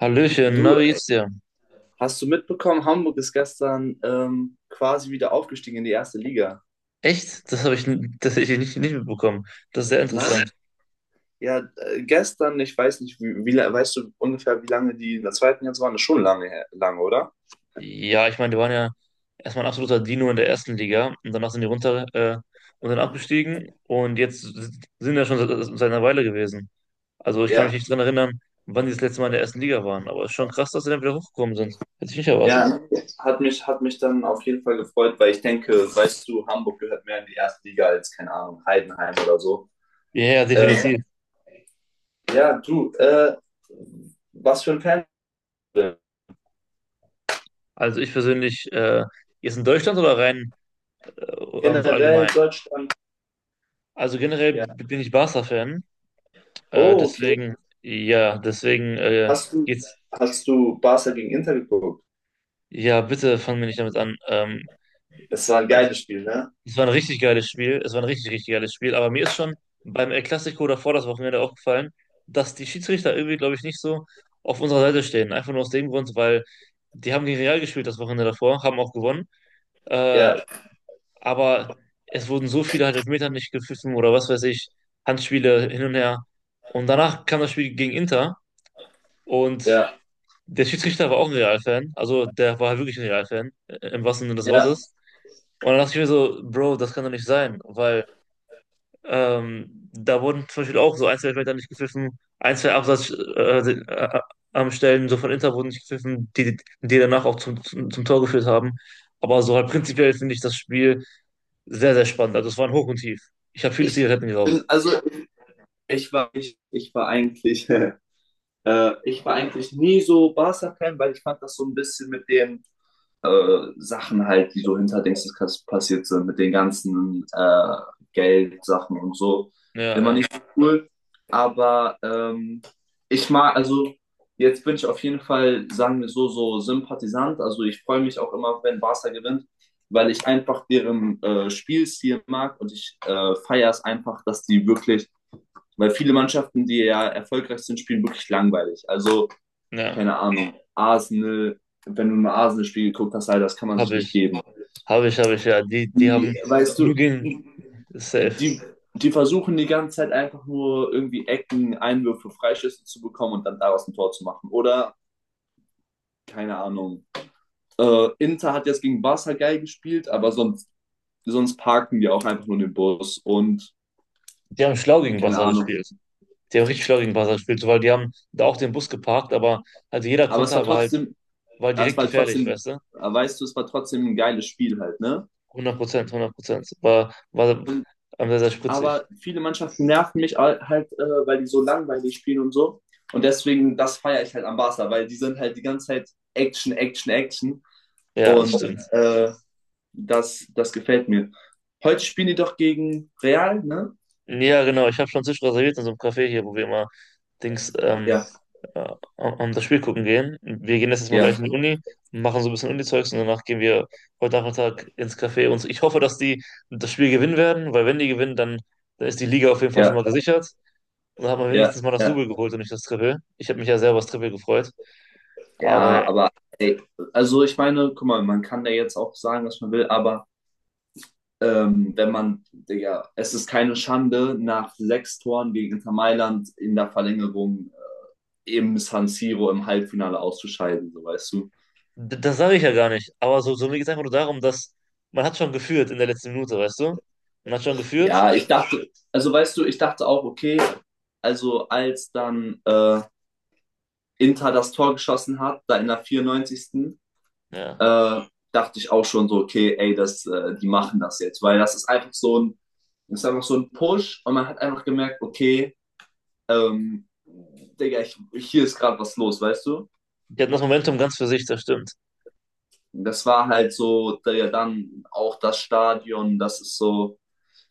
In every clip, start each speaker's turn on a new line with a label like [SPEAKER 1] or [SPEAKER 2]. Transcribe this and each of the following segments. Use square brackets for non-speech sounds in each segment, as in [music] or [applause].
[SPEAKER 1] Hallöchen, na,
[SPEAKER 2] Du,
[SPEAKER 1] wie geht's dir?
[SPEAKER 2] hast du mitbekommen, Hamburg ist gestern quasi wieder aufgestiegen in die erste Liga.
[SPEAKER 1] Echt? Das habe ich tatsächlich nicht mitbekommen. Das ist sehr
[SPEAKER 2] Nein?
[SPEAKER 1] interessant.
[SPEAKER 2] Ja, gestern, ich weiß nicht, wie, weißt du ungefähr, wie lange die in der zweiten jetzt waren? Das ist schon lange, lange, oder?
[SPEAKER 1] Ja, ich meine, die waren ja erstmal ein absoluter Dino in der ersten Liga und danach sind die runter, und dann abgestiegen und jetzt sind ja schon seit einer Weile gewesen. Also ich kann
[SPEAKER 2] Ja,
[SPEAKER 1] mich nicht dran erinnern, wann die das letzte Mal in der ersten Liga waren, aber es ist schon krass, dass sie dann wieder hochgekommen sind. Hätte ich nicht erwartet.
[SPEAKER 2] ja, hat mich dann auf jeden Fall gefreut, weil ich denke, weißt du, Hamburg gehört mehr in die erste Liga als, keine Ahnung, Heidenheim oder so.
[SPEAKER 1] Ja, ja,
[SPEAKER 2] Ähm,
[SPEAKER 1] definitiv.
[SPEAKER 2] ja, du, was für ein Fan.
[SPEAKER 1] Also ich persönlich, jetzt in Deutschland oder rein, äh, so
[SPEAKER 2] Generell
[SPEAKER 1] allgemein?
[SPEAKER 2] Deutschland,
[SPEAKER 1] Also generell
[SPEAKER 2] ja.
[SPEAKER 1] bin ich Barca-Fan.
[SPEAKER 2] Oh, okay.
[SPEAKER 1] Deswegen, ja, deswegen,
[SPEAKER 2] Hast du,
[SPEAKER 1] geht's.
[SPEAKER 2] hast du Barca gegen Inter geguckt?
[SPEAKER 1] Ja, bitte fangen wir nicht damit an. Ähm,
[SPEAKER 2] Es war ein
[SPEAKER 1] also,
[SPEAKER 2] geiles Spiel, ne?
[SPEAKER 1] es war ein richtig geiles Spiel. Es war ein richtig, richtig geiles Spiel. Aber mir ist schon beim El Clasico davor das Wochenende aufgefallen, dass die Schiedsrichter irgendwie, glaube ich, nicht so auf unserer Seite stehen. Einfach nur aus dem Grund, weil die haben gegen Real gespielt das Wochenende davor, haben auch gewonnen.
[SPEAKER 2] Ja,
[SPEAKER 1] Äh, aber es wurden so viele halt Elfmeter nicht gepfiffen oder was weiß ich, Handspiele hin und her. Und danach kam das Spiel gegen Inter und
[SPEAKER 2] ja,
[SPEAKER 1] der Schiedsrichter war auch ein Real-Fan, also der war halt wirklich ein Real-Fan, im wahrsten Sinne des
[SPEAKER 2] ja.
[SPEAKER 1] Wortes. Und dann dachte ich mir so, Bro, das kann doch nicht sein, weil, da wurden zum Beispiel auch so ein, zwei Elfmeter nicht gepfiffen, ein, zwei Absatz, am Stellen so von Inter wurden nicht gepfiffen, die, die danach auch zum Tor geführt haben. Aber so halt prinzipiell finde ich das Spiel sehr, sehr spannend. Also es war ein Hoch und Tief. Ich habe viele
[SPEAKER 2] Ich
[SPEAKER 1] Zigaretten geraucht.
[SPEAKER 2] bin, also, ich war, ich war eigentlich, [laughs] ich war eigentlich nie so Barca-Fan, weil ich fand das so ein bisschen mit dem Sachen halt, die so hinter Dingsdas passiert sind, mit den ganzen Geldsachen und so.
[SPEAKER 1] Ja,
[SPEAKER 2] Immer
[SPEAKER 1] ja,
[SPEAKER 2] nicht so cool. Aber ich mag, also jetzt bin ich auf jeden Fall, sagen wir so, so Sympathisant. Also ich freue mich auch immer, wenn Barca gewinnt, weil ich einfach deren Spielstil mag und ich feiere es einfach, dass die wirklich, weil viele Mannschaften, die ja erfolgreich sind, spielen wirklich langweilig. Also
[SPEAKER 1] ja.
[SPEAKER 2] keine Ahnung, Arsenal, wenn du mal Arsenal-Spiel geguckt hast, Alter, das kann man sich
[SPEAKER 1] Habe
[SPEAKER 2] nicht
[SPEAKER 1] ich.
[SPEAKER 2] geben.
[SPEAKER 1] Habe ich, habe ich, ja. Die
[SPEAKER 2] Die,
[SPEAKER 1] haben
[SPEAKER 2] weißt du,
[SPEAKER 1] nur gegen, safe.
[SPEAKER 2] die versuchen die ganze Zeit einfach nur irgendwie Ecken, Einwürfe, Freischüsse zu bekommen und dann daraus ein Tor zu machen. Oder, keine Ahnung. Inter hat jetzt gegen Barca geil gespielt, aber sonst, sonst parken die auch einfach nur den Bus und
[SPEAKER 1] Die haben schlau gegen
[SPEAKER 2] keine
[SPEAKER 1] Barca
[SPEAKER 2] Ahnung.
[SPEAKER 1] gespielt. Die haben richtig florigen Ball gespielt, so, weil die haben da auch den Bus geparkt, aber also jeder
[SPEAKER 2] Aber
[SPEAKER 1] Konter war halt
[SPEAKER 2] es
[SPEAKER 1] direkt
[SPEAKER 2] war
[SPEAKER 1] gefährlich,
[SPEAKER 2] trotzdem,
[SPEAKER 1] weißt du?
[SPEAKER 2] weißt du, es war trotzdem ein geiles Spiel halt, ne?
[SPEAKER 1] 100%, 100%. War, war, sehr, sehr spritzig.
[SPEAKER 2] Aber viele Mannschaften nerven mich halt, weil die so langweilig spielen und so. Und deswegen, das feiere ich halt am Barca, weil die sind halt die ganze Zeit Action, Action, Action.
[SPEAKER 1] Ja, das
[SPEAKER 2] Und
[SPEAKER 1] stimmt.
[SPEAKER 2] das gefällt mir. Heute spielen die doch gegen Real, ne?
[SPEAKER 1] Ja, genau. Ich habe schon Tisch reserviert in so einem Café hier, wo wir immer Dings,
[SPEAKER 2] Ja,
[SPEAKER 1] am das Spiel gucken gehen. Wir gehen jetzt erstmal gleich
[SPEAKER 2] ja,
[SPEAKER 1] in die Uni, machen so ein bisschen Uni-Zeugs und danach gehen wir heute Nachmittag ins Café. Und so, ich hoffe, dass die das Spiel gewinnen werden, weil wenn die gewinnen, dann, dann ist die Liga auf jeden Fall schon
[SPEAKER 2] ja,
[SPEAKER 1] mal gesichert. Und hat man
[SPEAKER 2] ja,
[SPEAKER 1] wenigstens mal das
[SPEAKER 2] ja.
[SPEAKER 1] Double geholt und nicht das Triple. Ich habe mich ja selber über das Triple gefreut.
[SPEAKER 2] Ja,
[SPEAKER 1] Aber
[SPEAKER 2] aber ey, also ich meine, guck mal, man kann da jetzt auch sagen, was man will, aber wenn man, Digga, es ist keine Schande, nach sechs Toren gegen Inter Mailand in der Verlängerung im San Siro im Halbfinale auszuscheiden, so weißt du.
[SPEAKER 1] das sage ich ja gar nicht. Aber so, so mir geht es einfach nur darum, dass man hat schon geführt in der letzten Minute, weißt du? Man hat schon geführt.
[SPEAKER 2] Ja, ich dachte, also weißt du, ich dachte auch, okay, also als dann Inter das Tor geschossen hat, da in der 94.
[SPEAKER 1] Ja.
[SPEAKER 2] Äh, dachte ich auch schon so, okay, ey, das, die machen das jetzt, weil das ist einfach so ein Push und man hat einfach gemerkt, okay, Digga, hier ist gerade was los, weißt du?
[SPEAKER 1] Die hatten das Momentum ganz für sich, das stimmt.
[SPEAKER 2] Das war halt so, Digga, dann auch das Stadion, das ist so.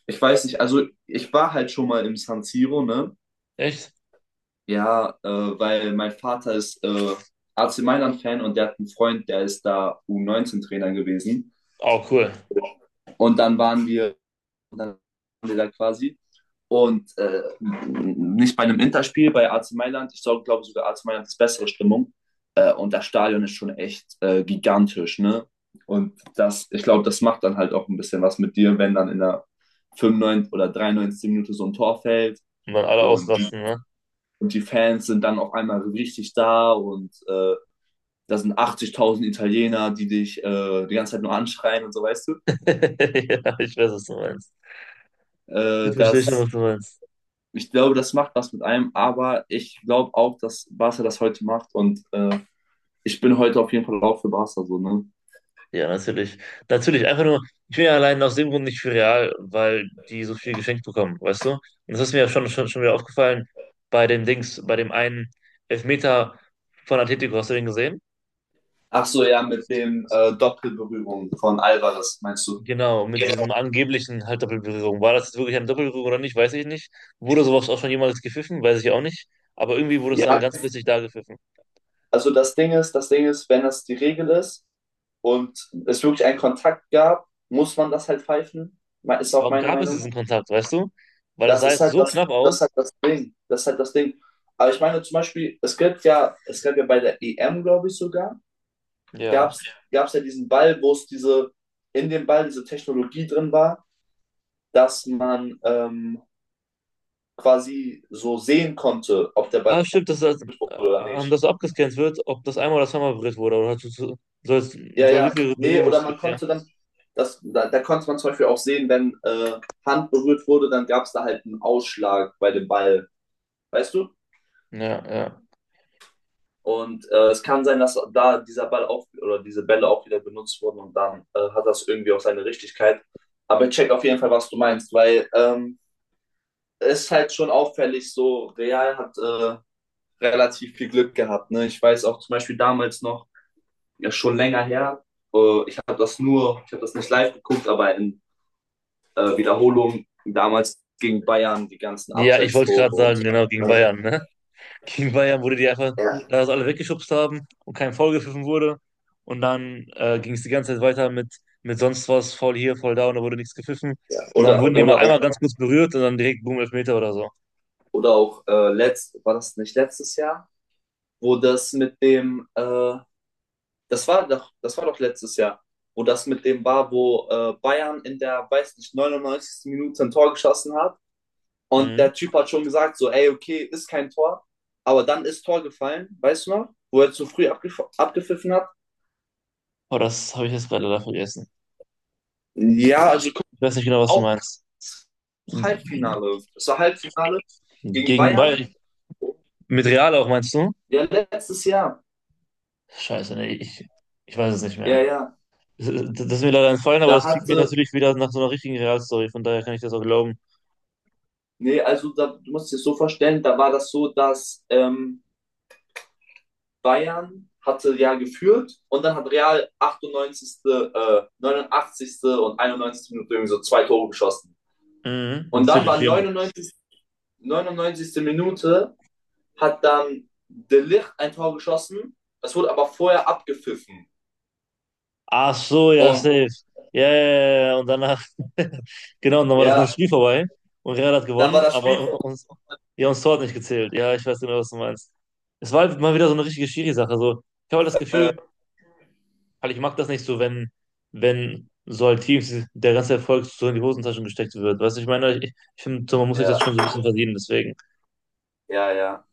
[SPEAKER 2] Ich weiß nicht, also ich war halt schon mal im San Siro, ne?
[SPEAKER 1] Echt?
[SPEAKER 2] Ja, weil mein Vater ist AC Mailand-Fan und der hat einen Freund, der ist da U19-Trainer gewesen.
[SPEAKER 1] Oh, cool.
[SPEAKER 2] Und dann waren wir da quasi. Und nicht bei einem Interspiel, bei AC Mailand. Ich glaube sogar, AC Mailand ist bessere Stimmung. Und das Stadion ist schon echt gigantisch, ne? Und das, ich glaube, das macht dann halt auch ein bisschen was mit dir, wenn dann in der 95 oder 93. Minute so ein Tor fällt.
[SPEAKER 1] Und dann alle
[SPEAKER 2] Und,
[SPEAKER 1] ausrasten, ne?
[SPEAKER 2] und die Fans sind dann auf einmal so richtig da und da sind 80.000 Italiener, die dich die ganze Zeit nur anschreien und so, weißt du.
[SPEAKER 1] [laughs] Ja, ich weiß, was du meinst. Ich verstehe schon, was
[SPEAKER 2] Das,
[SPEAKER 1] du meinst.
[SPEAKER 2] ich glaube, das macht was mit einem, aber ich glaube auch, dass Barca das heute macht und ich bin heute auf jeden Fall auch für Barca so, ne?
[SPEAKER 1] Ja, natürlich. Natürlich, einfach nur, ich bin ja allein aus dem Grund nicht für Real, weil die so viel geschenkt bekommen, weißt du? Und das ist mir ja schon wieder aufgefallen bei dem Dings, bei dem einen Elfmeter von Atletico, hast du den gesehen?
[SPEAKER 2] Ach so, ja, mit dem Doppelberührung von Alvarez, meinst du?
[SPEAKER 1] Genau, mit diesem angeblichen halt Doppelberührung. War das jetzt wirklich eine Doppelberührung oder nicht, weiß ich nicht. Wurde sowas auch schon jemals gepfiffen, weiß ich auch nicht. Aber irgendwie wurde es dann
[SPEAKER 2] Ja,
[SPEAKER 1] ganz plötzlich da gepfiffen.
[SPEAKER 2] also das Ding ist, wenn das die Regel ist und es wirklich einen Kontakt gab, muss man das halt pfeifen. Ist auch
[SPEAKER 1] Aber
[SPEAKER 2] meine
[SPEAKER 1] gab es
[SPEAKER 2] Meinung.
[SPEAKER 1] diesen Kontakt, weißt du? Weil das
[SPEAKER 2] Das
[SPEAKER 1] sah
[SPEAKER 2] ist
[SPEAKER 1] jetzt
[SPEAKER 2] halt
[SPEAKER 1] so
[SPEAKER 2] das,
[SPEAKER 1] knapp
[SPEAKER 2] das ist
[SPEAKER 1] aus.
[SPEAKER 2] halt das Ding. Das ist halt das Ding. Aber ich meine zum Beispiel, es gibt ja, es gab ja bei der EM, glaube ich sogar, gab
[SPEAKER 1] Ja.
[SPEAKER 2] es gab's gab's ja diesen Ball, wo es diese, in dem Ball diese Technologie drin war, dass man quasi so sehen konnte, ob der
[SPEAKER 1] Ah,
[SPEAKER 2] Ball
[SPEAKER 1] stimmt, dass das,
[SPEAKER 2] durch wurde oder
[SPEAKER 1] das
[SPEAKER 2] nicht.
[SPEAKER 1] so abgescannt wird, ob das einmal oder zweimal berührt wurde. Oder hast soll, es-
[SPEAKER 2] Ja,
[SPEAKER 1] soll, wie
[SPEAKER 2] ja.
[SPEAKER 1] viele
[SPEAKER 2] Nee,
[SPEAKER 1] Berührungen es
[SPEAKER 2] oder man
[SPEAKER 1] gibt, ja.
[SPEAKER 2] konnte dann, da konnte man zum Beispiel auch sehen, wenn Hand berührt wurde, dann gab es da halt einen Ausschlag bei dem Ball, weißt du?
[SPEAKER 1] Ja, ja.
[SPEAKER 2] Und es kann sein, dass da dieser Ball auch oder diese Bälle auch wieder benutzt wurden und dann hat das irgendwie auch seine Richtigkeit. Aber ich check auf jeden Fall, was du meinst, weil es ist halt schon auffällig, so Real hat relativ viel Glück gehabt. Ne? Ich weiß auch zum Beispiel damals noch, ja schon länger her, ich habe das nur, ich habe das nicht live geguckt, aber in Wiederholung damals gegen Bayern, die ganzen
[SPEAKER 1] Ja, ich wollte gerade
[SPEAKER 2] Abseitstore und
[SPEAKER 1] sagen,
[SPEAKER 2] so.
[SPEAKER 1] genau, gegen
[SPEAKER 2] Ne?
[SPEAKER 1] Bayern, ne? [laughs] Gegen Bayern wurde die einfach,
[SPEAKER 2] Ja.
[SPEAKER 1] da das alle weggeschubst haben und kein Foul gepfiffen wurde. Und dann, ging es die ganze Zeit weiter mit sonst was, Foul hier, Foul da und da wurde nichts gepfiffen. Und dann
[SPEAKER 2] Oder,
[SPEAKER 1] wurden die mal
[SPEAKER 2] oder auch,
[SPEAKER 1] einmal ganz kurz berührt und dann direkt Boom, Elfmeter oder so.
[SPEAKER 2] oder auch, war das nicht letztes Jahr, wo das war doch letztes Jahr, wo das mit dem war, wo Bayern in der, weiß nicht, 99. Minute ein Tor geschossen hat und
[SPEAKER 1] Mhm.
[SPEAKER 2] der Typ hat schon gesagt, so, ey, okay, ist kein Tor, aber dann ist Tor gefallen, weißt du noch, wo er zu früh abgef abgepfiffen hat.
[SPEAKER 1] Oh, das habe ich jetzt gerade leider vergessen.
[SPEAKER 2] Ja,
[SPEAKER 1] Ich
[SPEAKER 2] also
[SPEAKER 1] Ich weiß nicht genau, was du
[SPEAKER 2] auch
[SPEAKER 1] meinst.
[SPEAKER 2] Halbfinale. Das war Halbfinale gegen
[SPEAKER 1] Gegen Bayern.
[SPEAKER 2] Bayern.
[SPEAKER 1] Mit Real auch, meinst du?
[SPEAKER 2] Ja, letztes Jahr.
[SPEAKER 1] Scheiße, nee, ich weiß es nicht
[SPEAKER 2] Ja,
[SPEAKER 1] mehr.
[SPEAKER 2] ja.
[SPEAKER 1] Das Das ist mir leider entfallen, aber
[SPEAKER 2] Da
[SPEAKER 1] das klingt mir
[SPEAKER 2] hatte,
[SPEAKER 1] natürlich wieder nach so einer richtigen Real-Story, von daher kann ich das auch glauben.
[SPEAKER 2] nee, also da, du musst dir das so vorstellen, da war das so, dass Bayern hatte ja geführt und dann hat Real 98., 89. und 91. Minute irgendwie so zwei Tore geschossen.
[SPEAKER 1] Mhm,
[SPEAKER 2] Und dann
[SPEAKER 1] natürlich.
[SPEAKER 2] war
[SPEAKER 1] Wir haben-
[SPEAKER 2] 99. Minute hat dann De Ligt ein Tor geschossen. Das wurde aber vorher abgepfiffen.
[SPEAKER 1] Ach so, ja,
[SPEAKER 2] Und
[SPEAKER 1] safe. Ja, ja, ja, ja, ja, und danach, [laughs] genau, und dann war das
[SPEAKER 2] ja,
[SPEAKER 1] ganze Spiel vorbei und Real hat
[SPEAKER 2] dann war
[SPEAKER 1] gewonnen,
[SPEAKER 2] das
[SPEAKER 1] aber
[SPEAKER 2] Spiel.
[SPEAKER 1] uns, ja, uns Tor hat nicht gezählt. Ja, ich weiß genau, was du meinst. Es war halt mal wieder so eine richtige Schiri-Sache. So, ich habe halt das
[SPEAKER 2] Äh,
[SPEAKER 1] Gefühl, weil ich mag das nicht so, wenn, wenn so halt Teams der ganze Erfolg so in die Hosentaschen gesteckt wird. Weißt du, ich meine, ich finde, so, man muss sich
[SPEAKER 2] ja.
[SPEAKER 1] das schon so ein bisschen verdienen, deswegen.
[SPEAKER 2] Ja, ja.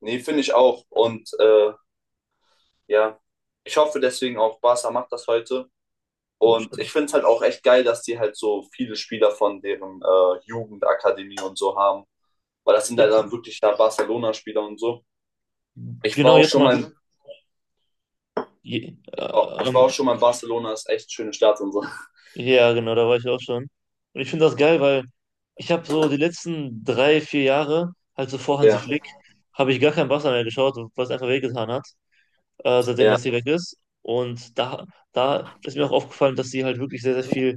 [SPEAKER 2] Nee, finde ich auch. Und ja, ich hoffe deswegen auch, Barca macht das heute. Und ich
[SPEAKER 1] Bestimmt.
[SPEAKER 2] finde es halt auch echt geil, dass die halt so viele Spieler von deren Jugendakademie und so haben. Weil das sind halt
[SPEAKER 1] Jetzt,
[SPEAKER 2] dann wirklich da Barcelona-Spieler und so. Ich war
[SPEAKER 1] genau,
[SPEAKER 2] auch
[SPEAKER 1] jetzt
[SPEAKER 2] schon
[SPEAKER 1] mal.
[SPEAKER 2] mal, in-
[SPEAKER 1] Je,
[SPEAKER 2] ich war,
[SPEAKER 1] äh,
[SPEAKER 2] ich war auch
[SPEAKER 1] ähm,
[SPEAKER 2] schon mal in Barcelona, ist echt schöne Stadt und so.
[SPEAKER 1] ja, genau, da war ich auch schon. Und ich finde das geil, weil ich habe so die letzten drei, vier Jahre, halt so vor Hansi
[SPEAKER 2] Ja,
[SPEAKER 1] Flick, habe ich gar kein Barca mehr geschaut, was einfach wehgetan hat. Seitdem
[SPEAKER 2] ja,
[SPEAKER 1] Messi weg ist. Und da ist mir auch aufgefallen, dass sie halt wirklich sehr, sehr viel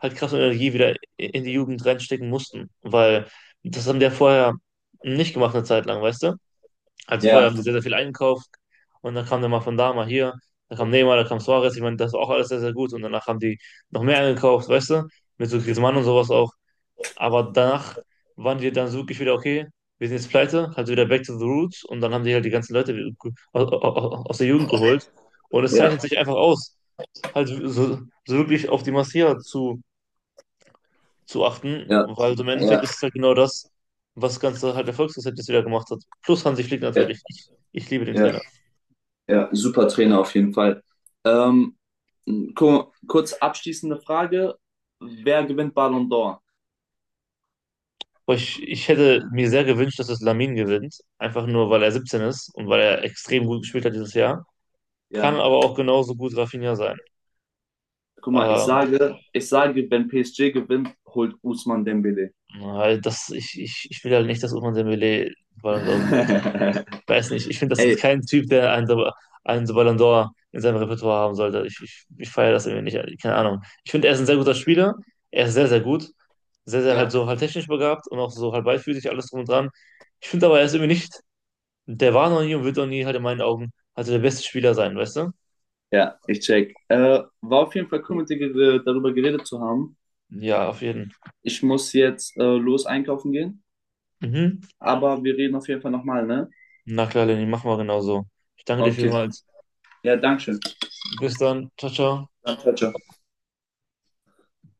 [SPEAKER 1] halt Kraft und Energie wieder in die Jugend reinstecken mussten, weil das haben die ja vorher nicht gemacht eine Zeit lang, weißt du? Also vorher haben
[SPEAKER 2] ja,
[SPEAKER 1] sie sehr, sehr viel eingekauft und dann kam der mal von da, mal hier, da kam Neymar, da kam Suarez, ich meine, das war auch alles sehr, sehr gut und danach haben die noch mehr eingekauft, weißt du? Mit so Griezmann und sowas auch. Aber danach waren die dann so wirklich wieder, okay, wir sind jetzt pleite, halt wieder back to the roots und dann haben die halt die ganzen Leute aus der Jugend geholt. Und es
[SPEAKER 2] ja,
[SPEAKER 1] zeichnet sich einfach aus, halt so, so wirklich auf die Massier zu achten,
[SPEAKER 2] ja,
[SPEAKER 1] weil so im Endeffekt
[SPEAKER 2] ja,
[SPEAKER 1] ist es halt genau das, was das Ganze halt Erfolgsrezept jetzt wieder gemacht hat. Plus Hansi Flick
[SPEAKER 2] ja,
[SPEAKER 1] natürlich. Ich liebe den
[SPEAKER 2] ja,
[SPEAKER 1] Trainer.
[SPEAKER 2] ja, super Trainer auf jeden Fall. Ähm, kurz abschließende Frage: Wer gewinnt Ballon d'Or?
[SPEAKER 1] Aber ich hätte mir sehr gewünscht, dass es Lamin gewinnt, einfach nur weil er 17 ist und weil er extrem gut gespielt hat dieses Jahr. Kann
[SPEAKER 2] Ja.
[SPEAKER 1] aber auch genauso gut Rafinha sein.
[SPEAKER 2] Guck mal, ich
[SPEAKER 1] Ähm,
[SPEAKER 2] sage, ich sage, wenn PSG gewinnt, holt Ousmane Dembélé.
[SPEAKER 1] Weil das, ich will halt nicht, dass Ousmane Dembélé Ballon d'Or holt. Weiß nicht,
[SPEAKER 2] [laughs]
[SPEAKER 1] ich finde, das ist
[SPEAKER 2] Ey,
[SPEAKER 1] kein Typ, der einen, einen so Ballon d'Or in seinem Repertoire haben sollte. Ich feiere das irgendwie nicht, keine Ahnung. Ich finde, er ist ein sehr guter Spieler, er ist sehr, sehr gut, sehr, sehr halt
[SPEAKER 2] Ja.
[SPEAKER 1] so halt technisch begabt und auch so halt beidfüßig, alles drum und dran. Ich finde aber, er ist irgendwie nicht, der war noch nie und wird noch nie halt in meinen Augen halt so der beste Spieler sein, weißt du?
[SPEAKER 2] Ja, ich check. War auf jeden Fall cool, mit dir darüber geredet zu haben.
[SPEAKER 1] Ja, auf jeden.
[SPEAKER 2] Ich muss jetzt los einkaufen gehen,
[SPEAKER 1] Mhm.
[SPEAKER 2] aber wir reden auf jeden Fall nochmal, ne?
[SPEAKER 1] Na klar, Lenny, mach mal genauso. Ich danke dir
[SPEAKER 2] Okay.
[SPEAKER 1] vielmals.
[SPEAKER 2] Ja, danke schön.
[SPEAKER 1] Bis dann. Ciao, ciao.
[SPEAKER 2] Dann, ciao, ciao.